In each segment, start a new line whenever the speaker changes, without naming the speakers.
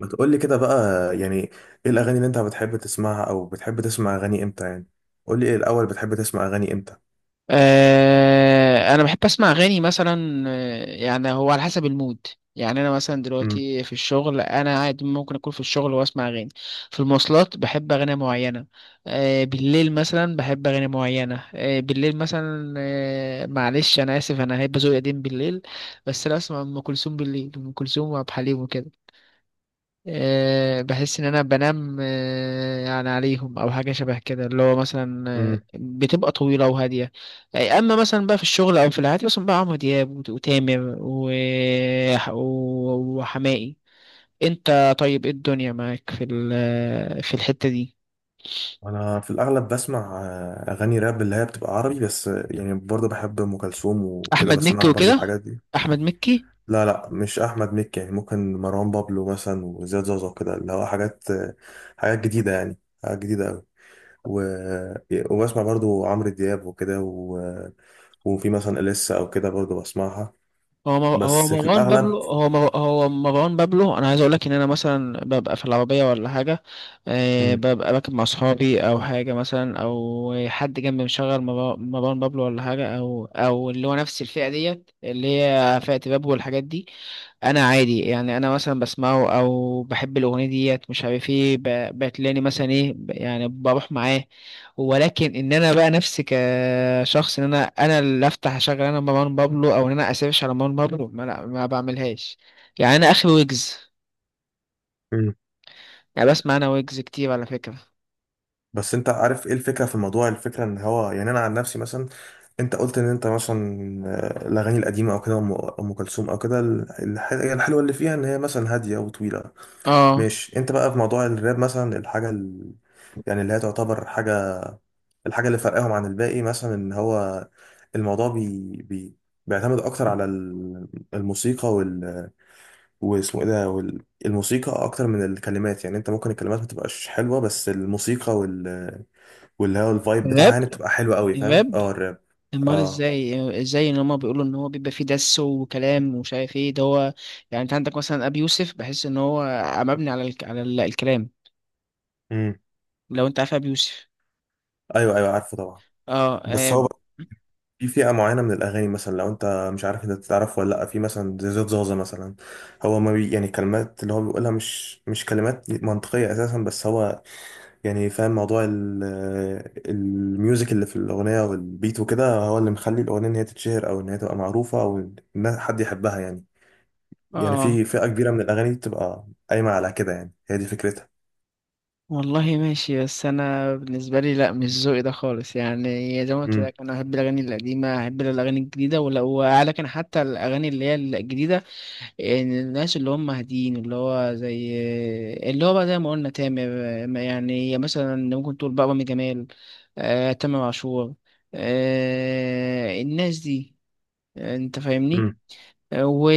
ما تقول لي كده بقى، يعني ايه الاغاني اللي انت بتحب تسمعها او بتحب تسمع اغاني امتى؟ يعني قول لي ايه الاول، بتحب تسمع اغاني امتى؟
انا بحب اسمع اغاني مثلا يعني هو على حسب المود. يعني انا مثلا
امم.
دلوقتي في الشغل، انا قاعد ممكن اكون في الشغل واسمع اغاني. في المواصلات بحب اغاني معينه. بالليل مثلا بحب اغاني معينه، آه، بالليل مثلا آه، معلش انا اسف، انا هيبقى ذوقي قديم بالليل. بس انا اسمع ام كلثوم بالليل، ام كلثوم وعبد الحليم وكده. بحس ان انا بنام يعني عليهم او حاجه شبه كده، اللي هو مثلا
امم.
بتبقى طويله وهاديه. اما مثلا بقى في الشغل او في العادي مثلا بقى عمرو دياب وتامر وحماقي. انت طيب، ايه الدنيا معاك في الحته دي؟
انا في الاغلب بسمع اغاني راب اللي هي بتبقى عربي، بس يعني برضه بحب ام كلثوم وكده،
احمد مكي
بسمع برضه
وكده.
الحاجات دي.
احمد مكي.
لا، لا، مش احمد مكي، يعني ممكن مروان بابلو مثلا وزياد زوزة وكده، اللي هو حاجات، حاجات جديدة يعني. حاجات جديدة قوي. و... وبسمع برضه عمرو دياب وكده، وفي مثلا اليسا او كده برضه بسمعها،
هو مر- هو
بس في
مروان بابلو
الاغلب.
هو مر- هو مروان بابلو، انا عايز اقول لك ان انا مثلا ببقى في العربيه ولا حاجه،
مم.
ببقى راكب مع اصحابي او حاجه، مثلا او حد جنبي مشغل مروان بابلو ولا حاجه، او اللي هو نفس الفئه ديت، اللي هي فئه بابلو والحاجات دي. انا عادي يعني، انا مثلا بسمعه او بحب الاغنيه ديت، مش عارف ايه، بتلاقيني مثلا ايه، يعني بروح معاه. ولكن ان انا بقى نفسي كشخص، ان انا اللي افتح اشغل انا مروان بابلو، او ان انا اسيرش على مروان بابلو، ما, لا ما بعملهاش. يعني انا اخر ويجز.
مم.
يعني بسمع انا ويجز كتير على فكره.
بس انت عارف ايه الفكره في الموضوع؟ الفكره ان هو، يعني انا عن نفسي مثلا، انت قلت ان انت مثلا الاغاني القديمه او كده، أم كلثوم او كده، هي الحلوه اللي فيها ان هي مثلا هاديه وطويله.
اه،
ماشي، انت بقى في موضوع الراب مثلا، يعني اللي هي تعتبر الحاجه اللي فرقاهم عن الباقي، مثلا ان هو الموضوع بيعتمد اكتر على الموسيقى، واسمه ايه ده، الموسيقى اكتر من الكلمات، يعني انت ممكن الكلمات ما تبقاش حلوه بس الموسيقى واللي هو الفايب بتاعها
الراب
يعني بتبقى حلوه قوي، فاهم؟
الراب
اه، الراب.
امال
اه.
ازاي ان هما بيقولوا ان هو بيبقى فيه دس وكلام ومش عارف ايه ده هو. يعني انت عندك مثلا ابي يوسف، بحس ان هو مبني الكلام.
امم.
لو انت عارف ابي يوسف.
ايوه، ايوه، عارفه طبعا.
اه،
بس
اه.
هو بقى، في فئه معينه من الاغاني، مثلا لو انت مش عارف، انت تعرف ولا لا؟ في مثلا زي زياد زازا مثلا، هو ما بي يعني كلمات اللي هو بيقولها مش كلمات منطقيه اساسا، بس هو يعني فاهم موضوع الميوزك اللي في الاغنيه والبيت وكده، هو اللي مخلي الاغنيه ان هي تتشهر او ان هي تبقى معروفه او ان حد يحبها يعني
آه.
في فئه كبيره من الاغاني بتبقى قايمه على كده، يعني هي دي فكرتها.
والله ماشي، بس انا بالنسبه لي لا، مش ذوقي ده خالص. يعني زي ما قلت لك، انا احب الاغاني القديمه، احب الاغاني الجديده، وعلى كان حتى الاغاني اللي هي الجديده، يعني الناس اللي هم هادين، اللي هو زي اللي هو بقى زي ما قلنا تامر. يعني مثلا ممكن تقول بقى رامي جمال، تامر عاشور، الناس دي، انت فاهمني.
امم.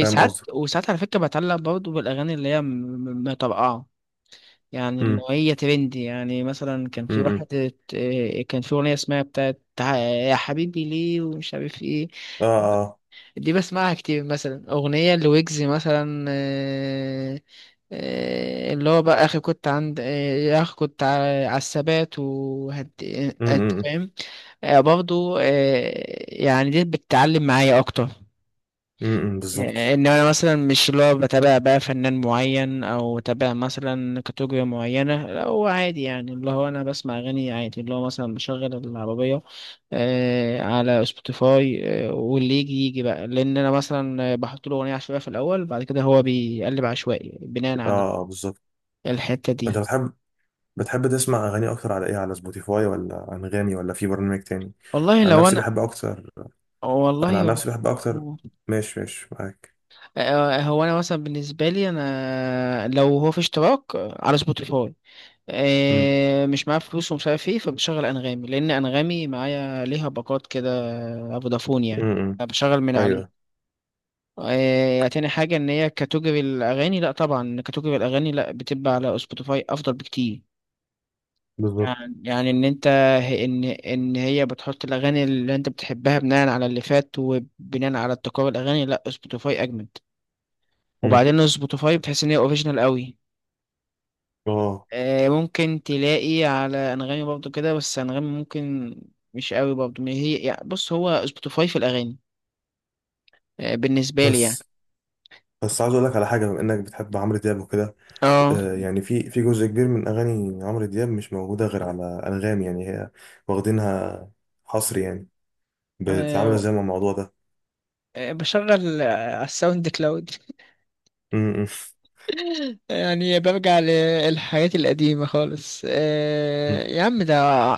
فاهم قصدك.
وساعات على فكرة بتعلق برضه بالأغاني اللي هي مطرقعة، يعني اللي
امم.
هي ترندي. يعني مثلا كان في
امم.
واحد كان في أغنية اسمها بتاعت يا حبيبي ليه ومش عارف ايه.
اه، اه.
دي بسمعها كتير، مثلا أغنية لويجز مثلا اه، اللي هو بقى أخي كنت عند اه، يا أخي كنت على الثبات وهد، انت
امم.
فاهم. برضه يعني دي بتتعلم معايا أكتر.
امم،
يعني
بالظبط.
ان انا مثلا مش اللي هو بتابع بقى فنان معين او بتابع مثلا كاتيجوري معينه، لا، هو عادي. يعني اللي هو انا بسمع اغاني عادي، اللي هو مثلا بشغل العربيه آه على سبوتيفاي، آه واللي يجي يجي بقى، لان انا مثلا بحط له اغنيه عشوائيه في الاول، بعد كده هو بيقلب عشوائي بناء
اه،
على
اه، بالظبط.
الحته
انت
دي.
بتحب تسمع اغاني اكتر على ايه؟ على سبوتيفاي ولا انغامي ولا في برنامج تاني؟
والله
عن
لو
نفسي
انا،
بحب اكتر انا
والله
عن
هو
نفسي بحب اكتر. ماشي، ماشي معاك.
هو انا مثلا بالنسبه لي، انا لو هو في اشتراك على سبوتيفاي،
امم.
مش معايا فلوس ومش عارف ايه، فبشغل انغامي لان انغامي معايا ليها باقات كده، فودافون يعني،
امم.
بشغل من
ايوه،
عليه. تاني حاجة إن هي كاتوجري الأغاني، لأ طبعا كاتوجري الأغاني لأ بتبقى على سبوتيفاي أفضل بكتير.
بالظبط.
يعني إن أنت، إن هي بتحط الأغاني اللي أنت بتحبها بناء على اللي فات وبناء على ابتكار الأغاني، لأ سبوتيفاي أجمد.
امم.
وبعدين سبوتيفاي بتحس إن هي أوريجينال قوي.
اه.
ممكن تلاقي على انغامي برضو كده، بس انغامي ممكن مش قوي برضو، ما هي يعني بص، هو سبوتيفاي في الاغاني بالنسبه لي يعني.
بس بس عايز اقول لك على حاجه، بما انك بتحب عمرو دياب وكده،
اه.
يعني في جزء كبير من اغاني عمرو دياب مش موجوده غير على انغامي، يعني هي واخدينها حصر يعني. بتعامل
آه،
ازاي مع الموضوع ده؟
بشغل على الساوند كلاود
م- م-
يعني برجع للحاجات القديمة خالص.
م.
يا عم، ده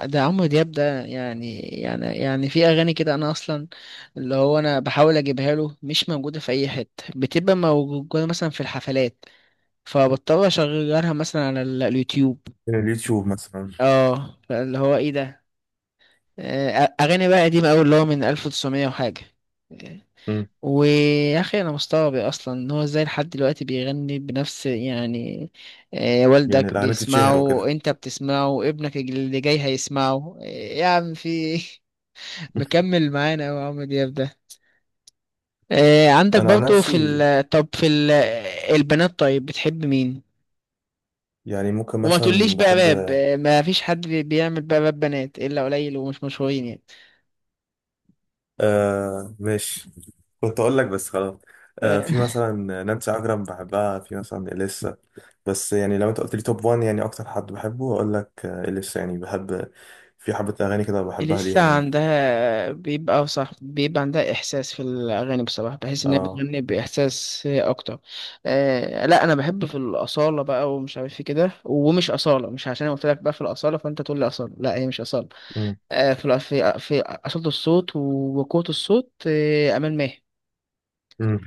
ده عمرو دياب ده، يعني يعني في أغاني كده، أنا أصلا اللي هو أنا بحاول أجيبها له مش موجودة في أي حتة، بتبقى موجودة مثلا في الحفلات، فبضطر اشغلها مثلا اليوتيوب.
اليوتيوب مثلا.
اه، فاللي هو ايه ده. آه، اغاني بقى قديمه قوي اللي هو من 1900 وحاجه.
م.
ويا اخي انا مستغرب اصلا ان هو ازاي لحد دلوقتي بيغني بنفس، يعني
يعني
والدك
الاعلانات تتشهر
بيسمعه،
وكده.
انت بتسمعه، ابنك اللي جاي هيسمعه. يا عم، في إيه؟ مكمل معانا أوي عمرو دياب ده. آه، عندك
انا عن
برضه في
نفسي
ال... طب في ال... البنات طيب بتحب مين؟
يعني ممكن
وما تقوليش
مثلا
بقى
بحب،
باب، ما فيش حد بيعمل بقى باب بنات الا قليل ومش مشهورين يعني.
ماشي، كنت اقول لك، بس خلاص. في مثلا نانسي عجرم بحبها، في مثلا اليسا. بس يعني لو انت قلت لي توب 1، يعني اكتر حد بحبه، اقول لك اليسا، يعني بحب في حبة اغاني كده بحبها
لسه
ليها يعني.
عندها بيبقى صح، بيبقى عندها احساس في الاغاني، بصراحه بحس ان هي
اه.
بتغني باحساس اكتر. لا، انا بحب في الاصاله بقى، ومش عارف ايه كده، ومش اصاله، مش عشان انا قلت لك بقى في الاصاله فانت تقول لي اصاله، لا، هي مش اصاله.
م-
في اصاله الصوت وقوه الصوت. امال ماهر،
م.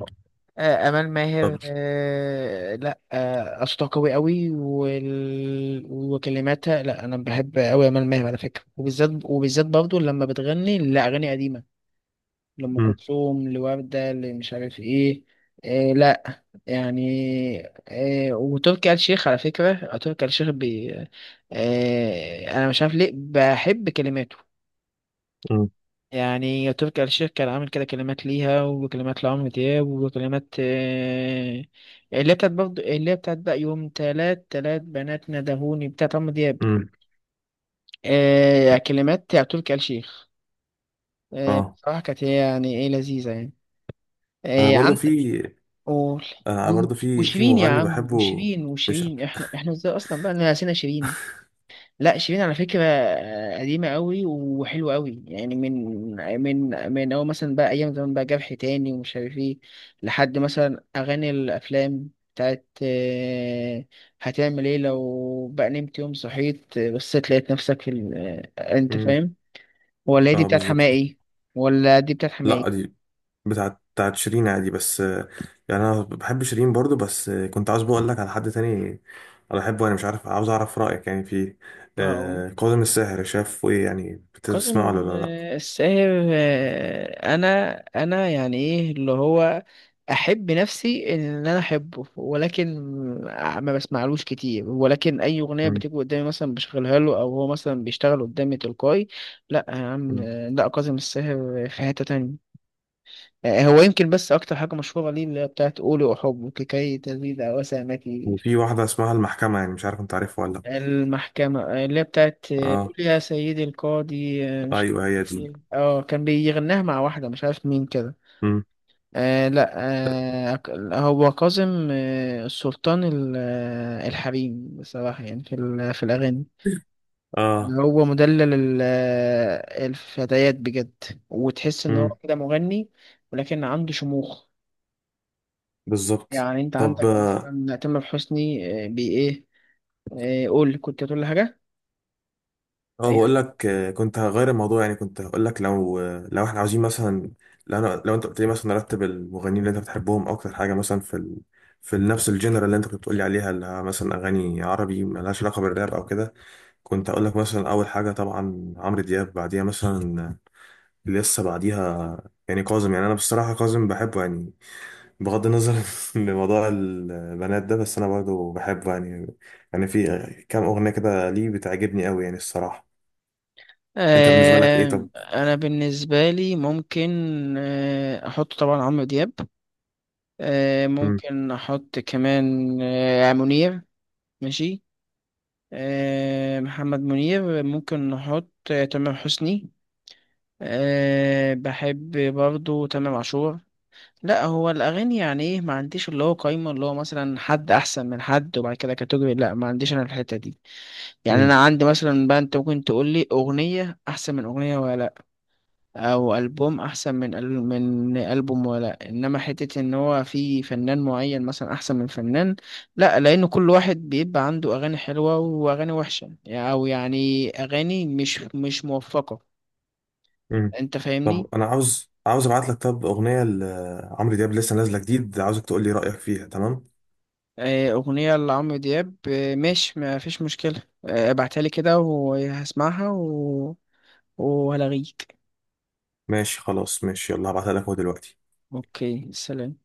امال
طب.
ماهر. آه، لا آه، اصواتها قوي قوي، وكلماتها. لا، انا بحب قوي امال ماهر على فكره، وبالذات وبالذات برضه لما بتغني لاغاني قديمه، لام
م-
كلثوم، لورده، لمش عارف ايه. لا، يعني وتركي آل الشيخ على فكره، تركي آل الشيخ انا مش عارف ليه بحب كلماته.
م-
يعني تركي آل الشيخ كان عامل كده كلمات ليها، وكلمات لعمرو دياب، وكلمات اللي هي بتاعت بقى يوم تلات تلات بنات ندهوني، بتاعت عمرو دياب،
م.
كلمات بتاع تركي آل الشيخ.
اه.
بصراحة كانت هي يعني ايه، لذيذة يعني.
برضه
عند،
في،
قول
انا
و-
برضو في
وشيرين يا
مغني
عم،
بحبه
وشيرين
مش
وشيرين احنا ازاي اصلا بقى نسينا شيرين. لا، شيرين على فكرة قديمة قوي وحلوة قوي، يعني من من أول مثلا بقى أيام زمان، بقى جرح تاني ومش عارف إيه، لحد مثلا أغاني الأفلام بتاعت هتعمل إيه لو بقى نمت يوم صحيت، بس لقيت نفسك في ال... أنت
امم.
فاهم. ولا هي دي
اه،
بتاعت
بالظبط.
حماقي؟ ولا دي بتاعت حماقي؟
لا، دي بتاعت شيرين عادي، بس يعني انا بحب شيرين برضو، بس كنت عاوز بقول لك على حد تاني انا بحبه، انا مش عارف، عاوز اعرف رايك يعني في
اه،
كاظم الساهر، شاف ايه يعني، بتسمعه
قاسم
ولا لا؟
الساهر. انا يعني ايه، اللي هو احب نفسي ان انا احبه، ولكن ما بسمعلوش كتير، ولكن اي اغنيه
مم.
بتيجي قدامي مثلا بشغلها له، او هو مثلا بيشتغل قدامي تلقائي. لا يا عم،
مم.
لا قاسم الساهر في حته تانية. هو يمكن بس اكتر حاجه مشهوره ليه اللي هي بتاعت قولي احبك كي تزيد وسامتي.
وفي واحده اسمها المحكمه، يعني مش عارف انت عارفها ولا لا.
المحكمة اللي هي بتاعت قول
اه،
يا سيدي القاضي آه، مش
ايوه، هي دي.
اه، كان بيغناها مع واحدة مش عارف مين كده.
مم.
آه، لا. آه، هو كاظم الحريم بصراحة، يعني في الأغاني
اه.
هو مدلل الفتيات بجد، وتحس إن
امم،
هو كده مغني، ولكن عنده شموخ.
بالظبط.
يعني أنت
طب.
عندك مثلا تامر حسني بي إيه. قول، كنت هتقول لي حاجة.
اه، بقول لك، كنت هغير الموضوع، يعني كنت هقول لك لو احنا عاوزين مثلا، لو انت قلت لي مثلا رتب المغنيين اللي انت بتحبهم اكتر حاجه، مثلا في نفس الجنرال اللي انت كنت بتقول لي عليها، اللي هي مثلا اغاني عربي ملهاش علاقه بالراب او كده. كنت هقول لك مثلا اول حاجه طبعا عمرو دياب، بعديها مثلا، لسه بعديها يعني كاظم، يعني انا بصراحه كاظم بحبه يعني، بغض النظر لموضوع البنات ده، بس انا برضه بحبه يعني. يعني في كام اغنيه كده ليه بتعجبني قوي يعني، الصراحه. انت بالنسبه لك ايه، طب؟
انا بالنسبه لي ممكن احط طبعا عمرو دياب،
مم.
ممكن احط كمان منير. ماشي. محمد منير. ممكن نحط تامر حسني، بحب برضو تامر عاشور. لا، هو الاغاني يعني ايه، ما عنديش اللي هو قايمه اللي هو مثلا حد احسن من حد، وبعد كده كاتيجوري، لا ما عنديش انا الحته دي. يعني
مم.
انا عندي مثلا بقى، انت ممكن تقول لي اغنيه احسن من اغنيه ولا لا، او البوم احسن من البوم، ولا انما حته ان هو في فنان معين مثلا احسن من فنان، لا، لان كل واحد بيبقى عنده اغاني حلوه واغاني وحشه، او يعني اغاني مش موفقه.
مم.
انت
طب
فاهمني.
انا عاوز ابعت لك، طب، اغنيه لعمرو دياب لسه نازله جديد، عاوزك تقول لي رايك فيها، تمام؟
اغنيه لعمرو دياب، ماشي ما فيش مشكله، ابعتها لي كده وهسمعها و... وهلاغيك.
ماشي، خلاص، ماشي، يلا هبعتها لك اهو دلوقتي.
اوكي، سلام.